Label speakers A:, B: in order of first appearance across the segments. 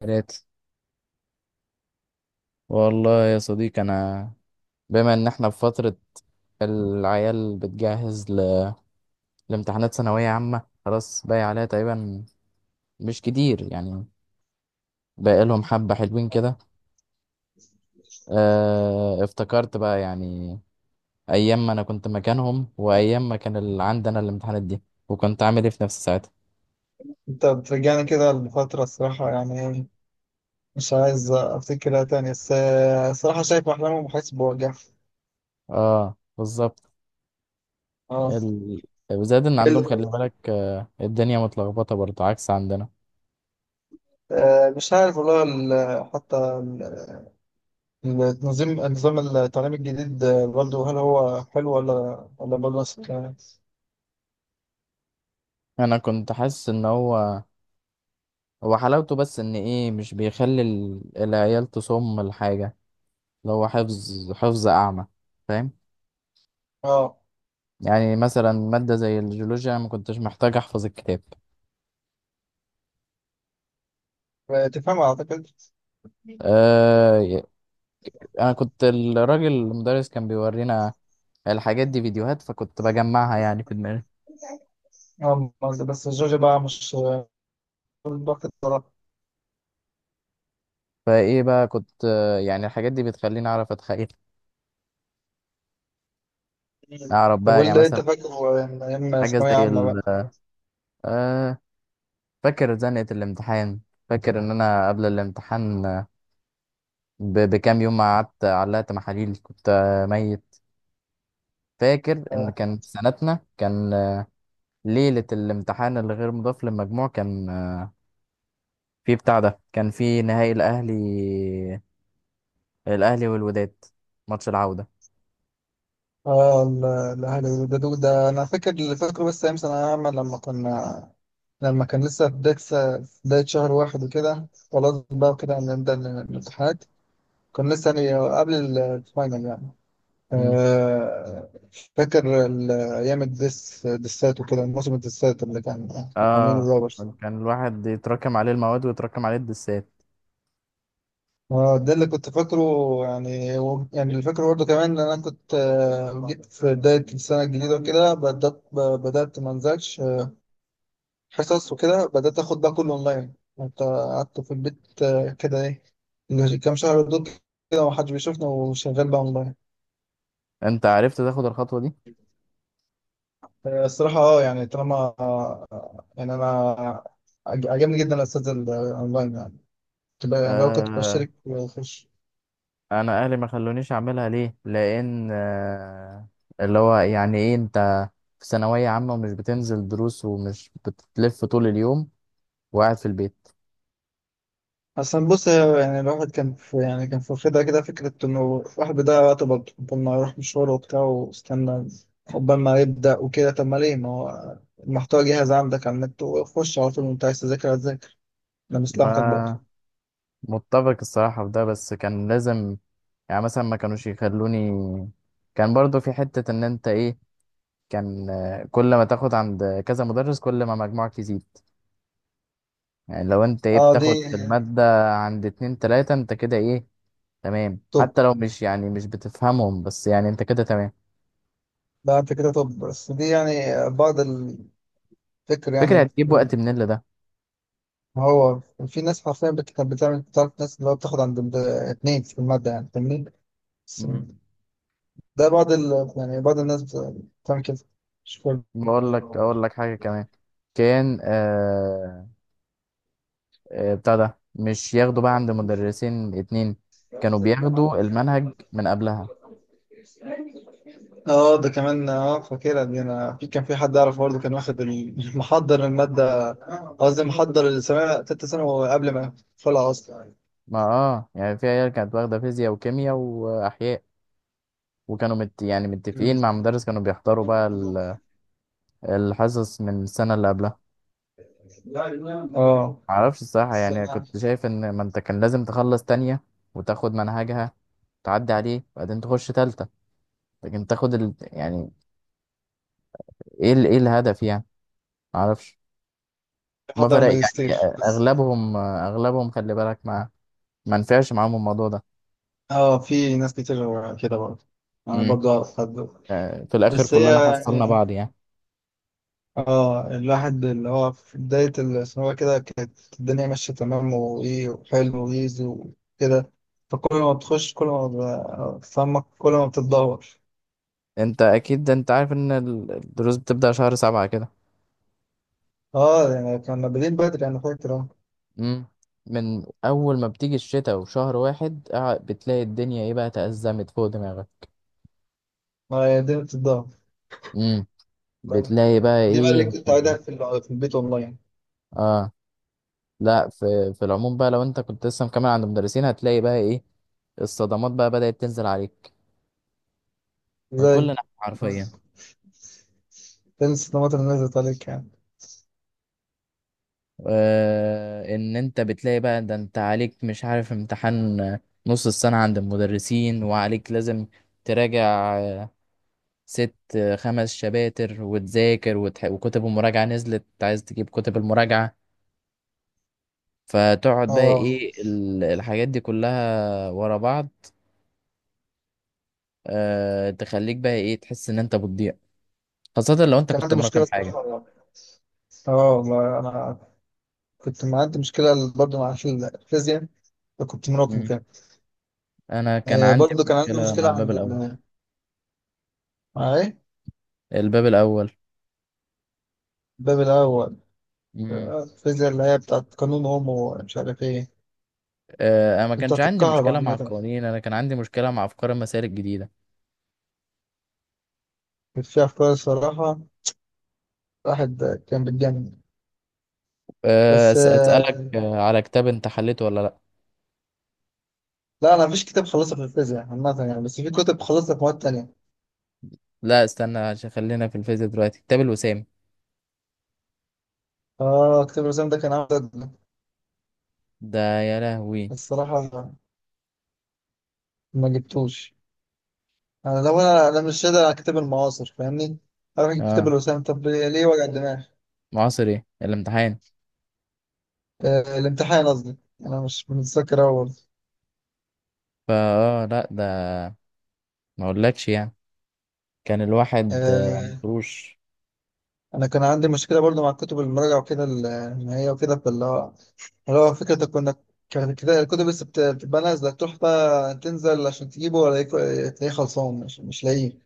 A: ثلاثة. والله يا صديقي، أنا بما إن إحنا في فترة العيال بتجهز لامتحانات ثانوية عامة، خلاص باقي عليها تقريبا مش كتير يعني، باقي لهم حبة حلوين كده. اه... افتكرت بقى، يعني أيام ما أنا كنت مكانهم وأيام ما كان عندنا الامتحانات دي، وكنت عامل إيه في نفسي ساعتها.
B: انت بترجعني كده لفترة الصراحة يعني ايه مش عايز افتكرها تاني بس الصراحة شايف احلامهم وحاسس بوجع.
A: اه، بالظبط.
B: اه.
A: ال... وزاد إن
B: ايه اللي
A: عندهم، خلي
B: حصل؟
A: بالك، الدنيا متلخبطة برضه عكس عندنا.
B: مش عارف والله حتى النظام التعليمي الجديد، برضه هل هو حلو ولا ولا برضه نفس الكلام؟
A: أنا كنت حاسس إن هو حلاوته بس ان ايه، مش بيخلي العيال تصم الحاجة، اللي هو حفظ حفظ اعمى. فاهم؟
B: اه.
A: يعني مثلا مادة زي الجيولوجيا، أنا ما كنتش محتاج احفظ الكتاب.
B: تفهم اعتقد.
A: آه ي- انا كنت الراجل المدرس كان بيورينا الحاجات دي فيديوهات، فكنت بجمعها يعني في دماغي.
B: اه. بس جورجيا بقى مش ضغط الصراحة.
A: فايه بقى، كنت يعني الحاجات دي بتخليني اعرف اتخيل، اعرف
B: طب
A: بقى يعني
B: واللي
A: مثلا
B: انت فاكره من ايام
A: حاجة
B: ثانوية
A: زي
B: عامة
A: ال
B: بقى؟
A: آه فاكر زنقة الامتحان. فاكر ان انا قبل الامتحان بكام يوم ما قعدت علقت محاليل، كنت ميت. فاكر ان
B: آه.
A: كان في سنتنا كان ليلة الامتحان اللي غير مضاف للمجموع، كان في بتاع ده، كان في نهائي الاهلي، الاهلي والوداد، ماتش العودة.
B: اه الاهلي ده انا فاكر اللي فاكره بس ايام ثانوية عامة لما كان لسه في بداية في بداية شهر واحد وكده خلاص بقى كده نبدأ الامتحانات. كنا لسه يعني قبل الفاينل يعني.
A: مم.
B: آه، فاكر أيام دسات وكده موسم الدسات اللي كان عاملينه
A: اه،
B: الروبرز.
A: كان الواحد يتراكم عليه المواد ويتراكم عليه الدسات.
B: اه ده اللي كنت فاكره. يعني يعني اللي فاكره برضه كمان ان انا كنت جيت في بداية السنة الجديدة وكده بدأت ما انزلش حصص وكده بدأت آخد ده كله أونلاين. كنت قعدت في البيت كده إيه إنه كام شهر دول كده ومحدش بيشوفنا وشغال بقى أونلاين.
A: انت عرفت تاخد الخطوة دي؟
B: الصراحة يعني طالما يعني أنا عجبني جدا الأستاذ الأونلاين يعني تبقى يعني لو كنت
A: آه،
B: بشترك وأخش.
A: انا اهلي ما خلونيش اعملها ليه، لان اللي هو يعني ايه، انت في ثانويه عامه ومش بتنزل دروس ومش بتلف طول اليوم وقاعد في البيت.
B: أصلا بص، يعني الواحد كان في يعني كان في واخدها كده فكرة إنه الواحد بيضيع وقته برضه قبل ما يروح مشوار وبتاع واستنى قبل ما يبدأ وكده. طب ما ليه، ما هو المحتوى جاهز عندك على النت وخش على طول وانت عايز تذاكر، لمصلحتك برضه.
A: ما متفق الصراحه في ده، بس كان لازم، يعني مثلا ما كانوش يخلوني. كان برضو في حته ان انت ايه، كان كل ما تاخد عند كذا مدرس كل ما مجموعك يزيد. يعني لو انت ايه،
B: اه دي.
A: بتاخد في الماده عند اتنين تلاته، انت كده ايه، تمام.
B: طب
A: حتى لو مش، يعني مش بتفهمهم، بس يعني انت كده تمام.
B: لا انت كده، طب بس دي يعني بعض الفكر
A: فكرة،
B: يعني.
A: هتجيب وقت منين لده؟
B: ما هو في ناس حرفيا كانت بتعرف ناس اللي هو بتاخد عند اتنين في المادة يعني فاهمني. بس
A: مم.
B: ده بعض يعني بعض الناس بتعمل كده، مش كل.
A: بقول لك اقول لك حاجه كمان. كان بتاع ده، مش ياخدوا بقى عند مدرسين اتنين، كانوا بياخدوا المنهج من قبلها.
B: اه ده كمان اه فاكرها دي، انا في كان في حد اعرف برضه كان واخد محضر المادة. قصدي محضر السنة تالتة ثانوي قبل ما يدخلها اصلا.
A: ما اه، يعني في عيال كانت واخده فيزياء وكيمياء واحياء، وكانوا يعني متفقين مع مدرس، كانوا بيحضروا بقى الحصص من السنه اللي قبلها.
B: اه.
A: معرفش الصراحه، يعني
B: السنة
A: كنت شايف ان ما انت كان لازم تخلص تانية وتاخد منهجها، تعدي عليه بعدين تخش تالتة. لكن تاخد يعني، ايه ايه الهدف يعني؟ معرفش. ما
B: محضر
A: فرق، يعني
B: الماجستير.
A: اغلبهم اغلبهم خلي بالك، ما نفعش معاهم الموضوع ده.
B: اه في ناس كتير كده برضه. انا
A: امم
B: برضه اعرف حد.
A: في الاخر
B: بس هي
A: كلنا حصلنا
B: يعني
A: بعض يعني.
B: اه الواحد اللي هو في بداية الثانوية كده كانت الدنيا ماشية تمام وايه وحلو ويزي وكده. فكل ما بتخش كل ما بتتعمق كل ما بتتدهور.
A: انت اكيد انت عارف ان الدروس بتبدأ شهر سبعة كده.
B: اه يعني كنا بادئين بدري، انا فاكر اه.
A: امم من اول ما بتيجي الشتاء وشهر واحد، بتلاقي الدنيا ايه بقى، تأزمت فوق دماغك.
B: ما هي الدنيا بتتدهور.
A: امم بتلاقي بقى
B: دي بقى اللي
A: ايه.
B: كنت قاعدها في في البيت اونلاين.
A: اه لا، في العموم بقى، لو انت كنت لسه مكمل عند مدرسين، هتلاقي بقى ايه، الصدمات بقى بدأت تنزل عليك من كل
B: ازاي
A: ناحية حرفيا.
B: تنسى الطماطم اللي نزلت عليك يعني؟
A: ان انت بتلاقي بقى ده، انت عليك مش عارف امتحان نص السنة عند المدرسين، وعليك لازم تراجع آه، ست خمس شباتر وتذاكر وكتب المراجعة نزلت، عايز تجيب كتب المراجعة، فتقعد بقى
B: اه،
A: ايه الحاجات دي كلها ورا بعض. أه، تخليك بقى ايه، تحس ان انت بتضيع، خاصة لو انت
B: كان
A: كنت
B: عندي مشكلة
A: مراكم حاجة.
B: الصراحة. اه والله انا كنت معدي مشكلة برضه في الفيزياء، كنت مراكم
A: مم.
B: كده.
A: انا كان عندي
B: برضه كان عندي
A: مشكلة مع
B: مشكلة
A: الباب
B: عند
A: الاول.
B: مع إيه؟
A: الباب الاول.
B: الباب الأول.
A: مم.
B: الفيزياء اللي هي بتاعت قانون أوم ومش عارف إيه،
A: آه، انا ما كانش
B: بتاعت
A: عندي
B: الكهرباء
A: مشكله مع
B: عامة.
A: القوانين، انا كان عندي مشكله مع افكار المسائل الجديده.
B: كانت فيها أفكار الصراحة، الواحد كان بيتجنن. بس
A: اسالك على كتاب، انت حليته ولا لا؟
B: لا أنا مفيش كتاب خلصته في الفيزياء عامة يعني، بس في كتب خلصتها في مواد تانية.
A: لا، استنى عشان خلينا في الفيزياء دلوقتي. كتاب الوسام
B: آه، كتاب الرسام ده كان عامل ضجة.
A: ده يا لهوي.
B: بس الصراحة ما جبتوش. أنا لو أنا مش قادر على كتاب المعاصر فاهمني؟ أروح أجيب كتاب
A: اه،
B: الرسام طب ليه وجع الدماغ؟
A: معاصر. ايه الامتحان؟
B: الامتحان قصدي انا مش متذكر أوي برضه.
A: فا لا ده، ما اقولكش يعني، كان الواحد
B: آه،
A: مطروش.
B: انا كان عندي مشكله برضه مع الكتب المراجعه وكده النهائيه وكده، فاللي هو اللي هو فكره كنا، كانت كده الكتب بس بتبقى نازله، تروح بقى تنزل عشان تجيبه ولا تلاقيه خلصان، مش لاقيه.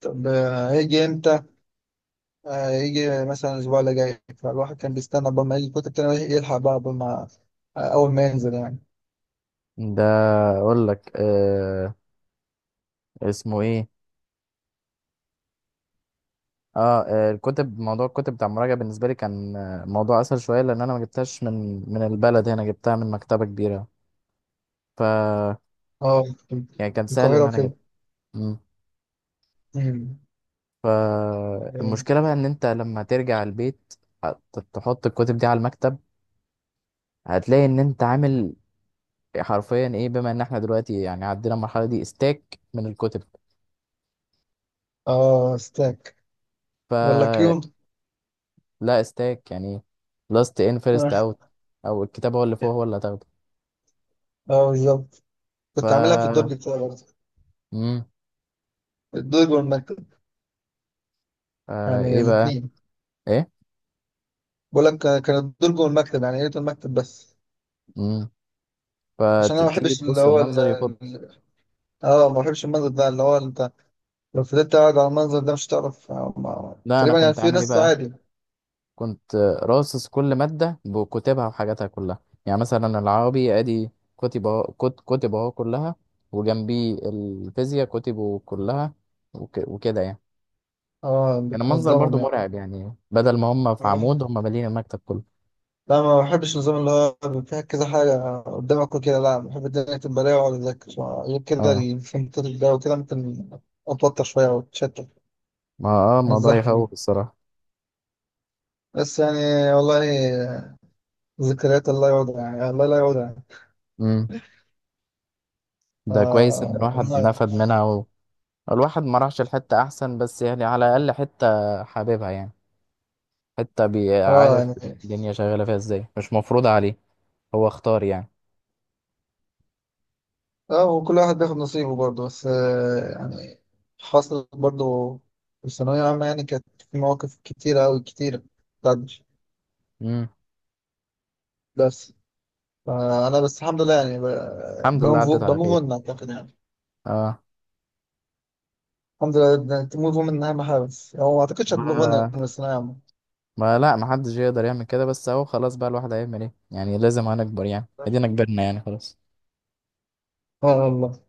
B: طب هيجي امتى؟ هيجي مثلا الاسبوع اللي جاي، فالواحد كان بيستنى قبل ما يجي الكتب كان يلحق بقى قبل ما اول ما ينزل يعني.
A: ده، اقول لك اسمه ايه، الكتب، موضوع الكتب بتاع المراجعه بالنسبه لي كان موضوع اسهل شويه، لان انا ما جبتهاش من البلد، هنا جبتها من مكتبه كبيره. ف،
B: اه
A: يعني كان
B: في
A: سهل
B: القاهره
A: ان انا
B: وكده.
A: اجيبها. مم.
B: مم. اه
A: فالمشكله بقى ان انت لما ترجع البيت، هت- تحط الكتب دي على المكتب، هتلاقي ان انت عامل حرفيا ايه، بما ان احنا دلوقتي يعني عدينا المرحله دي، استاك من الكتب.
B: ستاك ولا
A: فلا،
B: كيو؟
A: استاك يعني لاست ان فيرست اوت، او الكتاب هو اللي فوق هو اللي هتاخده.
B: اه بالظبط. كنت عاملها في
A: ف
B: الدرج بتاعي برضه.
A: مم.
B: الدرج والمكتب. يعني
A: ايه بقى
B: الاثنين.
A: ايه.
B: بقول لك كان الدرج والمكتب، يعني يا ريت المكتب بس.
A: مم.
B: عشان انا ما
A: فتيجي
B: بحبش اللي
A: تبص،
B: هو
A: المنظر يخض.
B: ال- اه ما بحبش المنظر ده اللي هو انت، لو فضلت قاعد على المنظر ده مش هتعرف
A: لا، انا
B: تقريبا، يعني
A: كنت
B: في
A: عامل ايه
B: ناس
A: بقى،
B: عادي.
A: كنت راصص كل مادة بكتبها وحاجاتها كلها. يعني مثلا العربي ادي كتب اهو، كتب اهو كلها، وجنبي الفيزياء كتبه كلها، وكده يعني.
B: اه
A: كان المنظر برضو
B: بتنظمهم.
A: مرعب، يعني بدل ما هم في
B: يعني
A: عمود هم مالين المكتب كله.
B: لا، ما بحبش النظام اللي هو فيها كذا حاجة قدامك وكده، لا بحب الدنيا تبقى رايقة وأقعد أذاكر. غير كده
A: اه،
B: الفنتات ده وكده ممكن أتوتر شوية وأتشتت
A: ما
B: من
A: الموضوع
B: الزحمة دي.
A: يخوف الصراحة.
B: بس يعني والله، ذكريات الله يعودها، يعني الله لا يعودها.
A: امم ده كويس ان
B: آه
A: الواحد
B: والله.
A: نفد منها الواحد ما راحش الحتة احسن، بس يعني على الاقل حتة حاببها يعني، حتة
B: اه
A: بيعرف
B: يعني.
A: الدنيا شغالة فيها ازاي، مش مفروضة عليه، هو اختار يعني.
B: اه، وكل واحد بياخد نصيبه برضه، بس يعني حصلت برضه في الثانوية العامة، يعني كانت في مواقف كتيرة أوي كتيرة بتعدي.
A: مم.
B: بس فأنا بس الحمد لله يعني.
A: الحمد لله
B: بموف
A: عدت على
B: بموف
A: خير.
B: أون أعتقد يعني.
A: اه،
B: الحمد لله تموف أون من أهم حاجة، بس هو ما أعتقدش هتموف أون من
A: ما
B: الثانوية العامة.
A: ما لا، ما حدش يقدر يعمل كده، بس اهو خلاص بقى، الواحد هيعمل ايه يعني، لازم هنكبر يعني، ادينا كبرنا يعني، خلاص.
B: آه والله